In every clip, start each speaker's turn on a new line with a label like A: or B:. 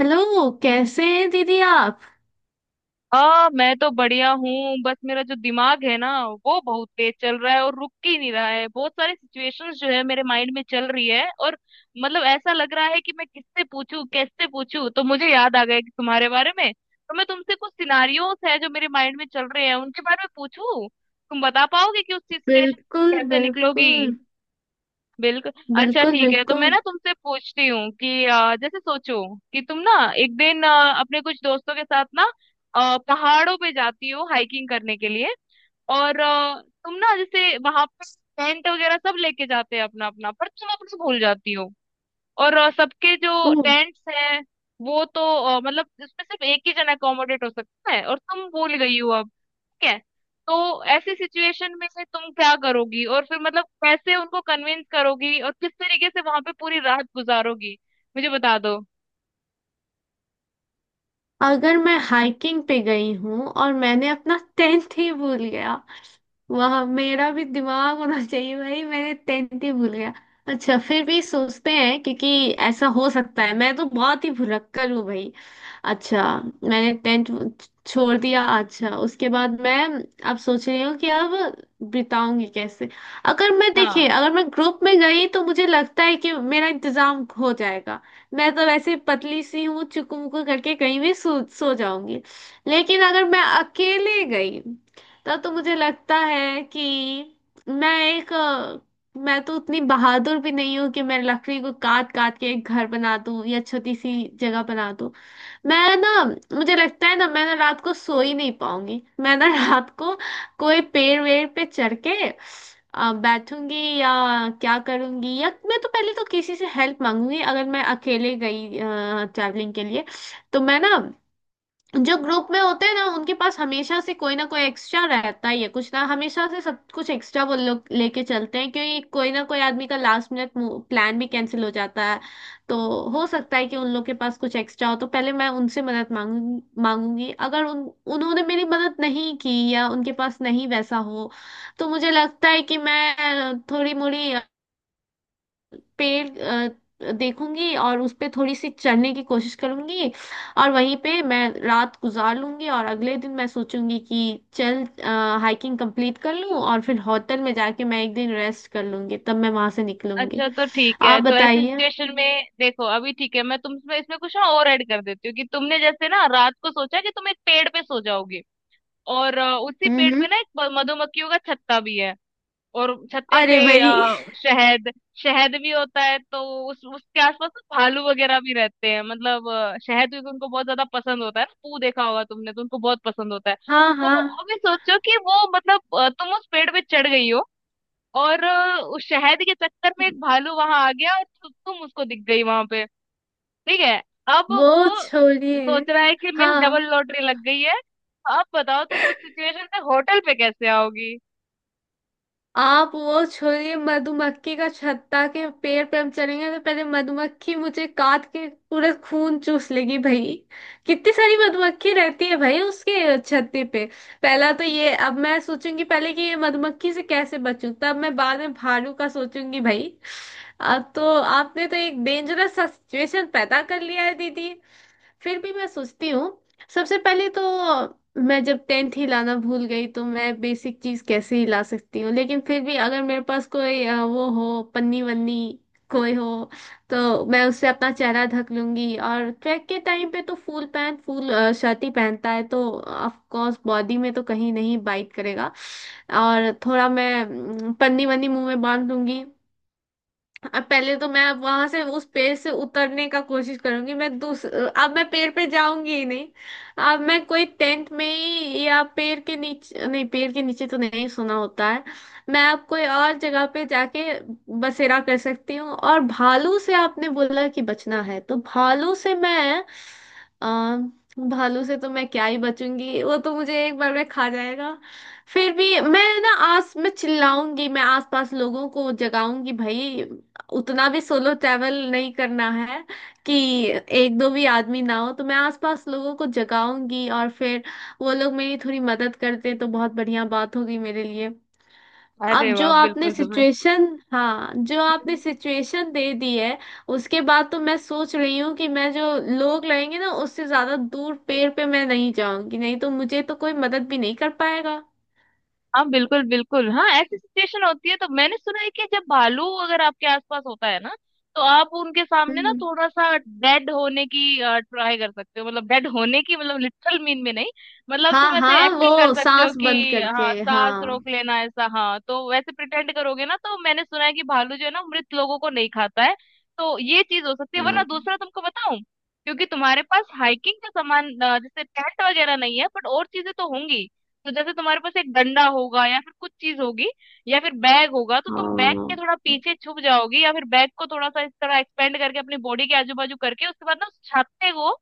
A: Hello, कैसे हैं दीदी आप।
B: हाँ मैं तो बढ़िया हूँ। बस मेरा जो दिमाग है ना वो बहुत तेज चल रहा है और रुक ही नहीं रहा है। बहुत सारी सिचुएशंस जो है मेरे माइंड में चल रही है और मतलब ऐसा लग रहा है कि मैं किससे पूछूं कैसे पूछूं। तो मुझे याद आ गया कि तुम्हारे बारे में तो मैं तुमसे कुछ सिनारियोस है जो मेरे माइंड में चल रहे हैं उनके बारे में पूछूं। तुम बता पाओगे कि उस सिचुएशन
A: बिल्कुल
B: कैसे निकलोगी।
A: बिल्कुल।
B: बिल्कुल। अच्छा
A: बिल्कुल
B: ठीक है। तो मैं
A: बिल्कुल।
B: ना तुमसे पूछती हूँ कि जैसे सोचो कि तुम ना एक दिन अपने कुछ दोस्तों के साथ ना पहाड़ों पे जाती हो हाइकिंग करने के लिए। और तुम ना जैसे वहां पर टेंट वगैरह सब लेके जाते हैं अपना अपना पर तुम अपना भूल जाती हो। और सबके
A: ओ,
B: जो टेंट्स हैं वो तो मतलब उसमें सिर्फ एक ही जना अकोमोडेट हो सकता है और तुम भूल गई हो अब। ठीक है। तो ऐसी सिचुएशन में फिर तुम क्या करोगी और फिर मतलब कैसे उनको कन्विंस करोगी और किस तरीके से वहां पे पूरी रात गुजारोगी। मुझे बता दो।
A: अगर मैं हाइकिंग पे गई हूँ और मैंने अपना टेंट ही भूल गया, वहां मेरा भी दिमाग होना चाहिए भाई, मैंने टेंथ ही भूल गया। अच्छा, फिर भी सोचते हैं, क्योंकि ऐसा हो सकता है, मैं तो बहुत ही भुलक्कड़ हूँ भाई। अच्छा, मैंने टेंथ छोड़ दिया। अच्छा, उसके बाद मैं अब सोच रही हूँ कि अब बिताऊंगी कैसे। अगर मैं, देखिए,
B: हाँ।
A: अगर मैं ग्रुप में गई तो मुझे लगता है कि मेरा इंतजाम हो जाएगा। मैं तो वैसे पतली सी हूँ, चुकू मुकू करके कहीं भी सो जाऊंगी। लेकिन अगर मैं अकेले गई, तब तो मुझे लगता है कि मैं एक मैं तो उतनी बहादुर भी नहीं हूँ कि मैं लकड़ी को काट काट के एक घर बना दूँ या छोटी सी जगह बना दूँ। मैं ना, मुझे लगता है ना, मैं ना रात को सो ही नहीं पाऊंगी। मैं ना रात को कोई पेड़ वेड़ पे चढ़ के बैठूंगी या क्या करूंगी। या मैं तो पहले तो किसी से हेल्प मांगूंगी अगर मैं अकेले गई ट्रैवलिंग के लिए। तो मैं ना, जो ग्रुप में होते हैं ना, उनके पास हमेशा से कोई ना कोई एक्स्ट्रा रहता ही है, कुछ ना हमेशा से सब कुछ एक्स्ट्रा वो लोग लेके चलते हैं, क्योंकि कोई ना कोई आदमी का लास्ट मिनट प्लान भी कैंसिल हो जाता है। तो हो सकता है कि उन लोग के पास कुछ एक्स्ट्रा हो, तो पहले मैं उनसे मदद मांगूंगी मांगूंगी। अगर उन, उन्होंने मेरी मदद नहीं की या उनके पास नहीं वैसा हो, तो मुझे लगता है कि मैं थोड़ी मोड़ी पेड़ देखूंगी और उस पे थोड़ी सी चढ़ने की कोशिश करूंगी और वहीं पे मैं रात गुजार लूंगी। और अगले दिन मैं सोचूंगी कि चल हाइकिंग कंप्लीट कर लूं, और फिर होटल में जाके मैं एक दिन रेस्ट कर लूंगी, तब मैं वहां से निकलूंगी।
B: अच्छा तो ठीक है।
A: आप
B: तो ऐसी
A: बताइए।
B: सिचुएशन में देखो अभी ठीक है मैं तुम इसमें इसमें कुछ ना और ऐड कर देती हूँ कि तुमने जैसे ना रात को सोचा कि तुम एक पेड़ पे सो जाओगे। और उसी
A: हम्म।
B: पेड़
A: हम्म।
B: पे ना एक मधुमक्खियों का छत्ता भी है। और छत्ते
A: अरे
B: से
A: भाई
B: शहद शहद भी होता है। तो उस उसके आसपास ना भालू वगैरह भी रहते हैं मतलब शहद भी उनको बहुत ज्यादा पसंद होता है ना। पू देखा होगा तुमने तो उनको बहुत पसंद होता है।
A: हाँ
B: तो
A: हाँ।
B: अभी सोचो कि वो मतलब तुम उस पेड़ पे चढ़ गई हो। और उस शहद के चक्कर में एक भालू वहां आ गया और तुम उसको दिख गई वहां पे। ठीक है। अब
A: वो
B: वो
A: छोड़िए।
B: सोच रहा है कि मेरी
A: हाँ,
B: डबल लॉटरी लग गई है। अब बताओ तुम उस सिचुएशन में होटल पे कैसे आओगी।
A: आप वो छोड़िए, मधुमक्खी का छत्ता के पेड़ पे हम चलेंगे तो पहले मधुमक्खी मुझे काट के पूरा खून चूस लेगी भाई। कितनी सारी मधुमक्खी रहती है भाई उसके छत्ते पे। पहला तो ये, अब मैं सोचूंगी पहले कि ये मधुमक्खी से कैसे बचूं, तब मैं बाद में भालू का सोचूंगी भाई। अब तो आपने तो एक डेंजरस सा सिचुएशन पैदा कर लिया है दीदी। फिर भी मैं सोचती हूँ। सबसे पहले तो, मैं जब टेंथ हिलाना भूल गई तो मैं बेसिक चीज कैसे हिला सकती हूँ। लेकिन फिर भी अगर मेरे पास कोई वो हो, पन्नी वन्नी कोई हो, तो मैं उससे अपना चेहरा ढक लूंगी। और ट्रैक के टाइम पे तो फुल पैंट फुल शर्ट ही पहनता है, तो ऑफ कोर्स बॉडी में तो कहीं नहीं बाइट करेगा। और थोड़ा मैं पन्नी वन्नी मुंह में बांध लूंगी। अब पहले तो मैं अब वहां से उस पेड़ से उतरने का कोशिश करूंगी। मैं दूस अब मैं पेड़ पे जाऊंगी ही नहीं। अब मैं कोई टेंट में ही, या पेड़ के नीचे नहीं, पेड़ के नीचे तो नहीं सोना होता है। मैं अब कोई और जगह पे जाके बसेरा कर सकती हूँ। और भालू से आपने बोला कि बचना है, तो भालू से मैं आ, भालू से तो मैं क्या ही बचूंगी, वो तो मुझे एक बार में खा जाएगा। फिर भी मैं ना आस मैं चिल्लाऊंगी, मैं आसपास लोगों को जगाऊंगी भाई। उतना भी सोलो ट्रैवल नहीं करना है कि एक दो भी आदमी ना हो, तो मैं आसपास लोगों को जगाऊंगी और फिर वो लोग मेरी थोड़ी मदद करते तो बहुत बढ़िया बात होगी मेरे लिए।
B: अरे
A: अब जो
B: वाह
A: आपने
B: बिल्कुल तुम्हें।
A: सिचुएशन, हाँ, जो आपने सिचुएशन दे दी है, उसके बाद तो मैं सोच रही हूँ कि मैं जो लोग लगेंगे ना, उससे ज्यादा दूर पेड़ पे मैं नहीं जाऊंगी, नहीं तो मुझे तो कोई मदद भी नहीं कर पाएगा।
B: हाँ बिल्कुल बिल्कुल। हाँ ऐसी सिचुएशन होती है तो मैंने सुना है कि जब भालू अगर आपके आसपास होता है ना तो आप उनके सामने ना
A: हम्म।
B: थोड़ा सा डेड होने की ट्राई कर सकते हो। मतलब डेड होने की मतलब लिटरल मीन में नहीं। मतलब
A: हाँ
B: तुम ऐसे
A: हाँ,
B: एक्टिंग कर
A: वो
B: सकते हो
A: सांस बंद
B: कि हाँ
A: करके,
B: सांस
A: हाँ।
B: रोक लेना ऐसा हाँ। तो वैसे प्रिटेंड करोगे ना तो मैंने सुना है कि भालू जो है ना मृत लोगों को नहीं खाता है। तो ये चीज हो सकती है वरना
A: हाँ।
B: दूसरा तुमको बताऊं। क्योंकि तुम्हारे पास हाइकिंग का सामान जैसे टेंट वगैरह नहीं है बट और चीजें तो होंगी। तो जैसे तुम्हारे पास एक डंडा होगा या फिर कुछ चीज होगी या फिर बैग होगा। तो तुम बैग के
A: हाँ।
B: थोड़ा पीछे छुप जाओगी या फिर बैग को थोड़ा सा इस तरह एक्सपेंड करके अपनी बॉडी के आजू बाजू करके उसके बाद ना उस छाते को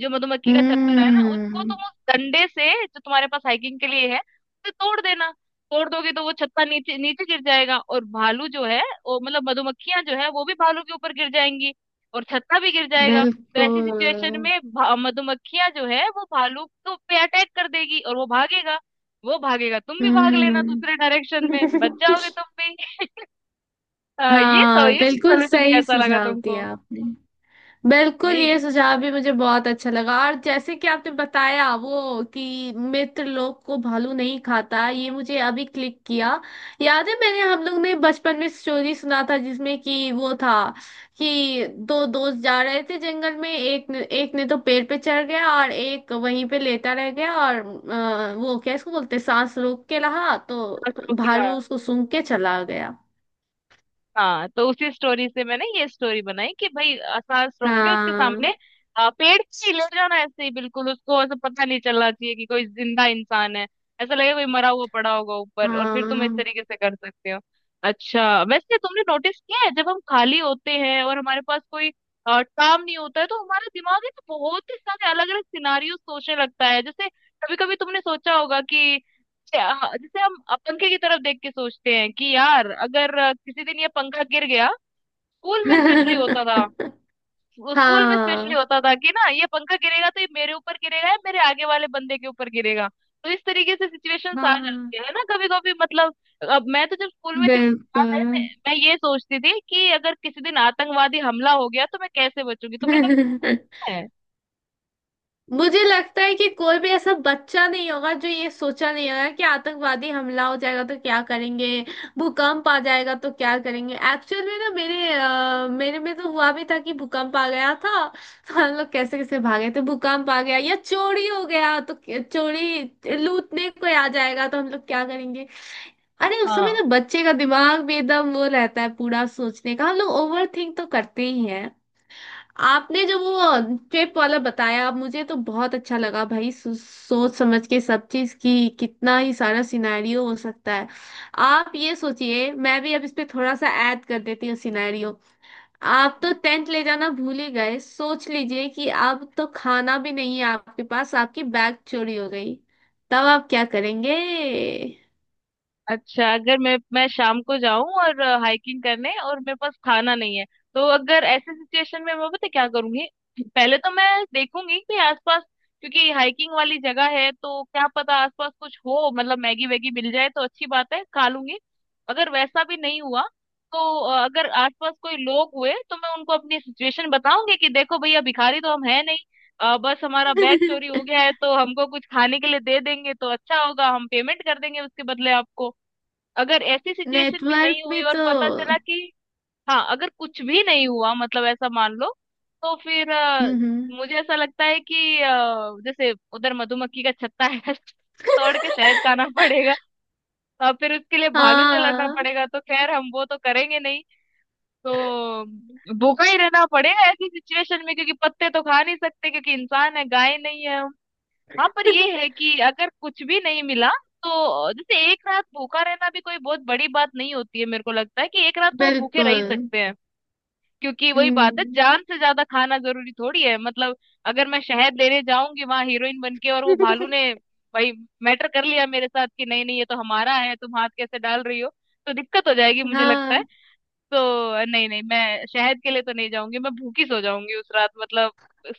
B: जो मधुमक्खी का छत्ता है ना उसको
A: हम्म।
B: तुम उस डंडे से जो तुम्हारे पास हाइकिंग के लिए है उसे तोड़ देना। तोड़ दोगे तो वो छत्ता नीचे नीचे गिर जाएगा। और भालू जो है वो मतलब मधुमक्खियां जो है वो भी भालू के ऊपर गिर जाएंगी और छत्ता भी गिर जाएगा। तो ऐसी सिचुएशन में
A: बिल्कुल।
B: मधुमक्खियां जो है वो भालू को पे अटैक कर देगी और वो भागेगा। वो भागेगा तुम भी भाग लेना
A: हम्म।
B: दूसरे डायरेक्शन में बच जाओगे तुम भी। ये तो
A: हाँ,
B: ये
A: बिल्कुल
B: सोल्यूशन
A: सही
B: कैसा लगा
A: सुझाव
B: तुमको।
A: दिया आपने। बिल्कुल,
B: नहीं।
A: ये सुझाव भी मुझे बहुत अच्छा लगा। और जैसे कि आपने बताया वो कि मित्र लोग को भालू नहीं खाता, ये मुझे अभी क्लिक किया। याद है, मैंने, हम लोग ने बचपन में स्टोरी सुना था, जिसमें कि वो था कि दो दोस्त जा रहे थे जंगल में। एक ने तो पेड़ पे चढ़ गया और एक वहीं पे लेटा रह गया। और वो क्या इसको बोलते हैं, सांस रोक के रहा,
B: असरो
A: तो
B: क्या?
A: भालू उसको सूंघ के चला गया।
B: हाँ तो उसी स्टोरी से मैंने ये स्टोरी बनाई कि भाई सांस रोक के उसके
A: हाँ
B: सामने पेड़ ही ले जाना ऐसे ही बिल्कुल। उसको ऐसा पता नहीं चलना चाहिए कि कोई जिंदा इंसान है। ऐसा लगेगा कोई मरा हुआ पड़ा होगा ऊपर और फिर तुम इस
A: हाँ।
B: तरीके से कर सकते हो। अच्छा वैसे तुमने नोटिस किया है जब हम खाली होते हैं और हमारे पास कोई काम नहीं होता है तो हमारा दिमाग है तो बहुत ही सारे अलग अलग सिनारियो सोचने लगता है। जैसे कभी कभी तुमने सोचा होगा कि हाँ, जैसे हम पंखे की तरफ देख के सोचते हैं कि यार अगर किसी दिन ये पंखा गिर गया। स्कूल में स्पेशली होता था। वो स्कूल में स्पेशली
A: हाँ
B: होता था कि ना ये पंखा गिरेगा तो ये मेरे ऊपर गिरेगा या मेरे आगे वाले बंदे के ऊपर गिरेगा। तो इस तरीके से सिचुएशंस आ
A: हाँ।
B: जाती है ना कभी कभी मतलब। अब मैं तो जब स्कूल में थी मुझे याद
A: बिल्कुल।
B: है मैं ये सोचती थी कि अगर किसी दिन आतंकवादी हमला हो गया तो मैं कैसे बचूंगी। तुमने कभी है?
A: मुझे लगता है कि कोई भी ऐसा बच्चा नहीं होगा जो ये सोचा नहीं होगा कि आतंकवादी हमला हो जाएगा तो क्या करेंगे, भूकंप आ जाएगा तो क्या करेंगे। एक्चुअल में ना, मेरे मेरे में तो हुआ भी था कि भूकंप आ गया था, तो हम लोग कैसे कैसे भागे थे। भूकंप आ गया, या चोरी हो गया तो चोरी लूटने कोई आ जाएगा तो हम लोग क्या करेंगे। अरे, उस समय
B: हाँ।
A: ना बच्चे का दिमाग भी एकदम वो रहता है पूरा सोचने का, हम लोग ओवर थिंक तो करते ही हैं। आपने जो वो ट्रिप वाला बताया मुझे तो बहुत अच्छा लगा भाई। सोच समझ के सब चीज की कितना ही सारा सिनेरियो हो सकता है। आप ये सोचिए, मैं भी अब इस पे थोड़ा सा ऐड कर देती हूँ सिनेरियो। आप तो टेंट ले जाना भूल ही गए, सोच लीजिए कि अब तो खाना भी नहीं है आपके पास, आपकी बैग चोरी हो गई, तब आप क्या करेंगे।
B: अच्छा अगर मैं शाम को जाऊं और हाइकिंग करने और मेरे पास खाना नहीं है तो अगर ऐसे सिचुएशन में मैं पता है क्या करूंगी। पहले तो मैं देखूंगी कि आसपास क्योंकि हाइकिंग वाली जगह है तो क्या पता आसपास कुछ हो मतलब मैगी वैगी मिल जाए तो अच्छी बात है खा लूंगी। अगर वैसा भी नहीं हुआ तो अगर आसपास कोई लोग हुए तो मैं उनको अपनी सिचुएशन बताऊंगी कि देखो भैया भिखारी तो हम है नहीं बस हमारा बैग चोरी हो गया है तो हमको कुछ खाने के लिए दे देंगे तो अच्छा होगा हम पेमेंट कर देंगे उसके बदले आपको। अगर ऐसी सिचुएशन भी
A: नेटवर्क
B: नहीं हुई
A: भी
B: और
A: तो।
B: पता चला कि हाँ अगर कुछ भी नहीं हुआ मतलब ऐसा मान लो। तो फिर
A: हम्म।
B: मुझे ऐसा लगता है कि जैसे उधर मधुमक्खी का छत्ता है तोड़ के शहद खाना पड़ेगा और फिर उसके लिए भालू से लड़ना
A: हाँ
B: पड़ेगा तो खैर हम वो तो करेंगे नहीं। तो भूखा ही रहना पड़ेगा ऐसी सिचुएशन में क्योंकि पत्ते तो खा नहीं सकते क्योंकि इंसान है गाय नहीं है। हाँ पर ये है कि अगर कुछ भी नहीं मिला तो जैसे एक रात भूखा रहना भी कोई बहुत बड़ी बात नहीं होती है मेरे को लगता है कि एक रात तो हम भूखे रह ही
A: बिल्कुल।
B: सकते हैं। क्योंकि वही बात है
A: हम्म।
B: जान से ज्यादा खाना जरूरी थोड़ी है मतलब। अगर मैं शहद लेने जाऊंगी वहां हीरोइन बन के और वो भालू ने भाई मैटर कर लिया मेरे साथ कि नहीं नहीं ये तो हमारा है तुम हाथ कैसे डाल रही हो। तो दिक्कत हो जाएगी मुझे लगता है।
A: हाँ।
B: तो नहीं नहीं मैं शहद के लिए तो नहीं जाऊंगी। मैं भूखी सो जाऊंगी उस रात मतलब।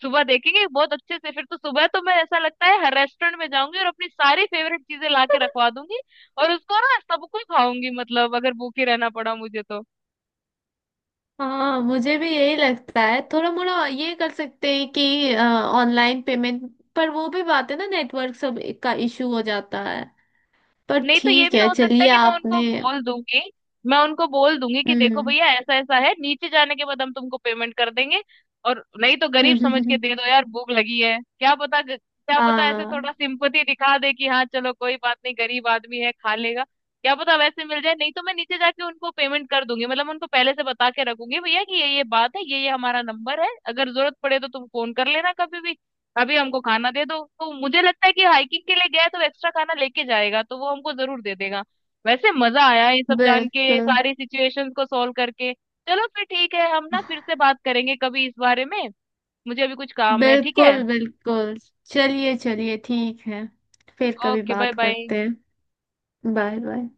B: सुबह देखेंगे बहुत अच्छे से फिर तो सुबह तो मैं ऐसा लगता है हर रेस्टोरेंट में जाऊंगी और अपनी सारी फेवरेट चीजें ला के रखवा दूंगी। और उसको ना सबको खाऊंगी मतलब अगर भूखी रहना पड़ा मुझे तो।
A: हाँ, मुझे भी यही लगता है, थोड़ा मोड़ा ये कर सकते हैं कि ऑनलाइन पेमेंट, पर वो भी बात है ना, नेटवर्क सब का इशू हो जाता है। पर
B: नहीं तो ये
A: ठीक
B: भी
A: है,
B: हो सकता है
A: चलिए,
B: कि
A: आपने।
B: मैं उनको बोल दूंगी कि देखो
A: हम्म।
B: भैया ऐसा ऐसा है नीचे जाने के बाद हम तुमको पेमेंट कर देंगे। और नहीं तो गरीब समझ के दे दो यार भूख लगी है क्या पता ऐसे थोड़ा
A: हाँ
B: सिंपथी दिखा दे कि हाँ चलो कोई बात नहीं गरीब आदमी है खा लेगा। क्या पता वैसे मिल जाए नहीं तो मैं नीचे जाके उनको पेमेंट कर दूंगी मतलब मैं उनको पहले से बता के रखूंगी भैया कि ये बात है ये हमारा नंबर है अगर जरूरत पड़े तो तुम फोन कर लेना कभी भी। अभी हमको खाना दे दो तो मुझे लगता है कि हाइकिंग के लिए गया है तो एक्स्ट्रा खाना लेके जाएगा तो वो हमको जरूर दे देगा। वैसे मजा आया ये सब जान के
A: बिल्कुल।
B: सारी सिचुएशंस को सॉल्व करके। चलो फिर ठीक है हम ना फिर से बात करेंगे कभी इस बारे में। मुझे अभी कुछ काम है ठीक है।
A: बिल्कुल बिल्कुल। चलिए चलिए, ठीक है, फिर कभी
B: ओके बाय
A: बात
B: बाय।
A: करते हैं। Bye bye.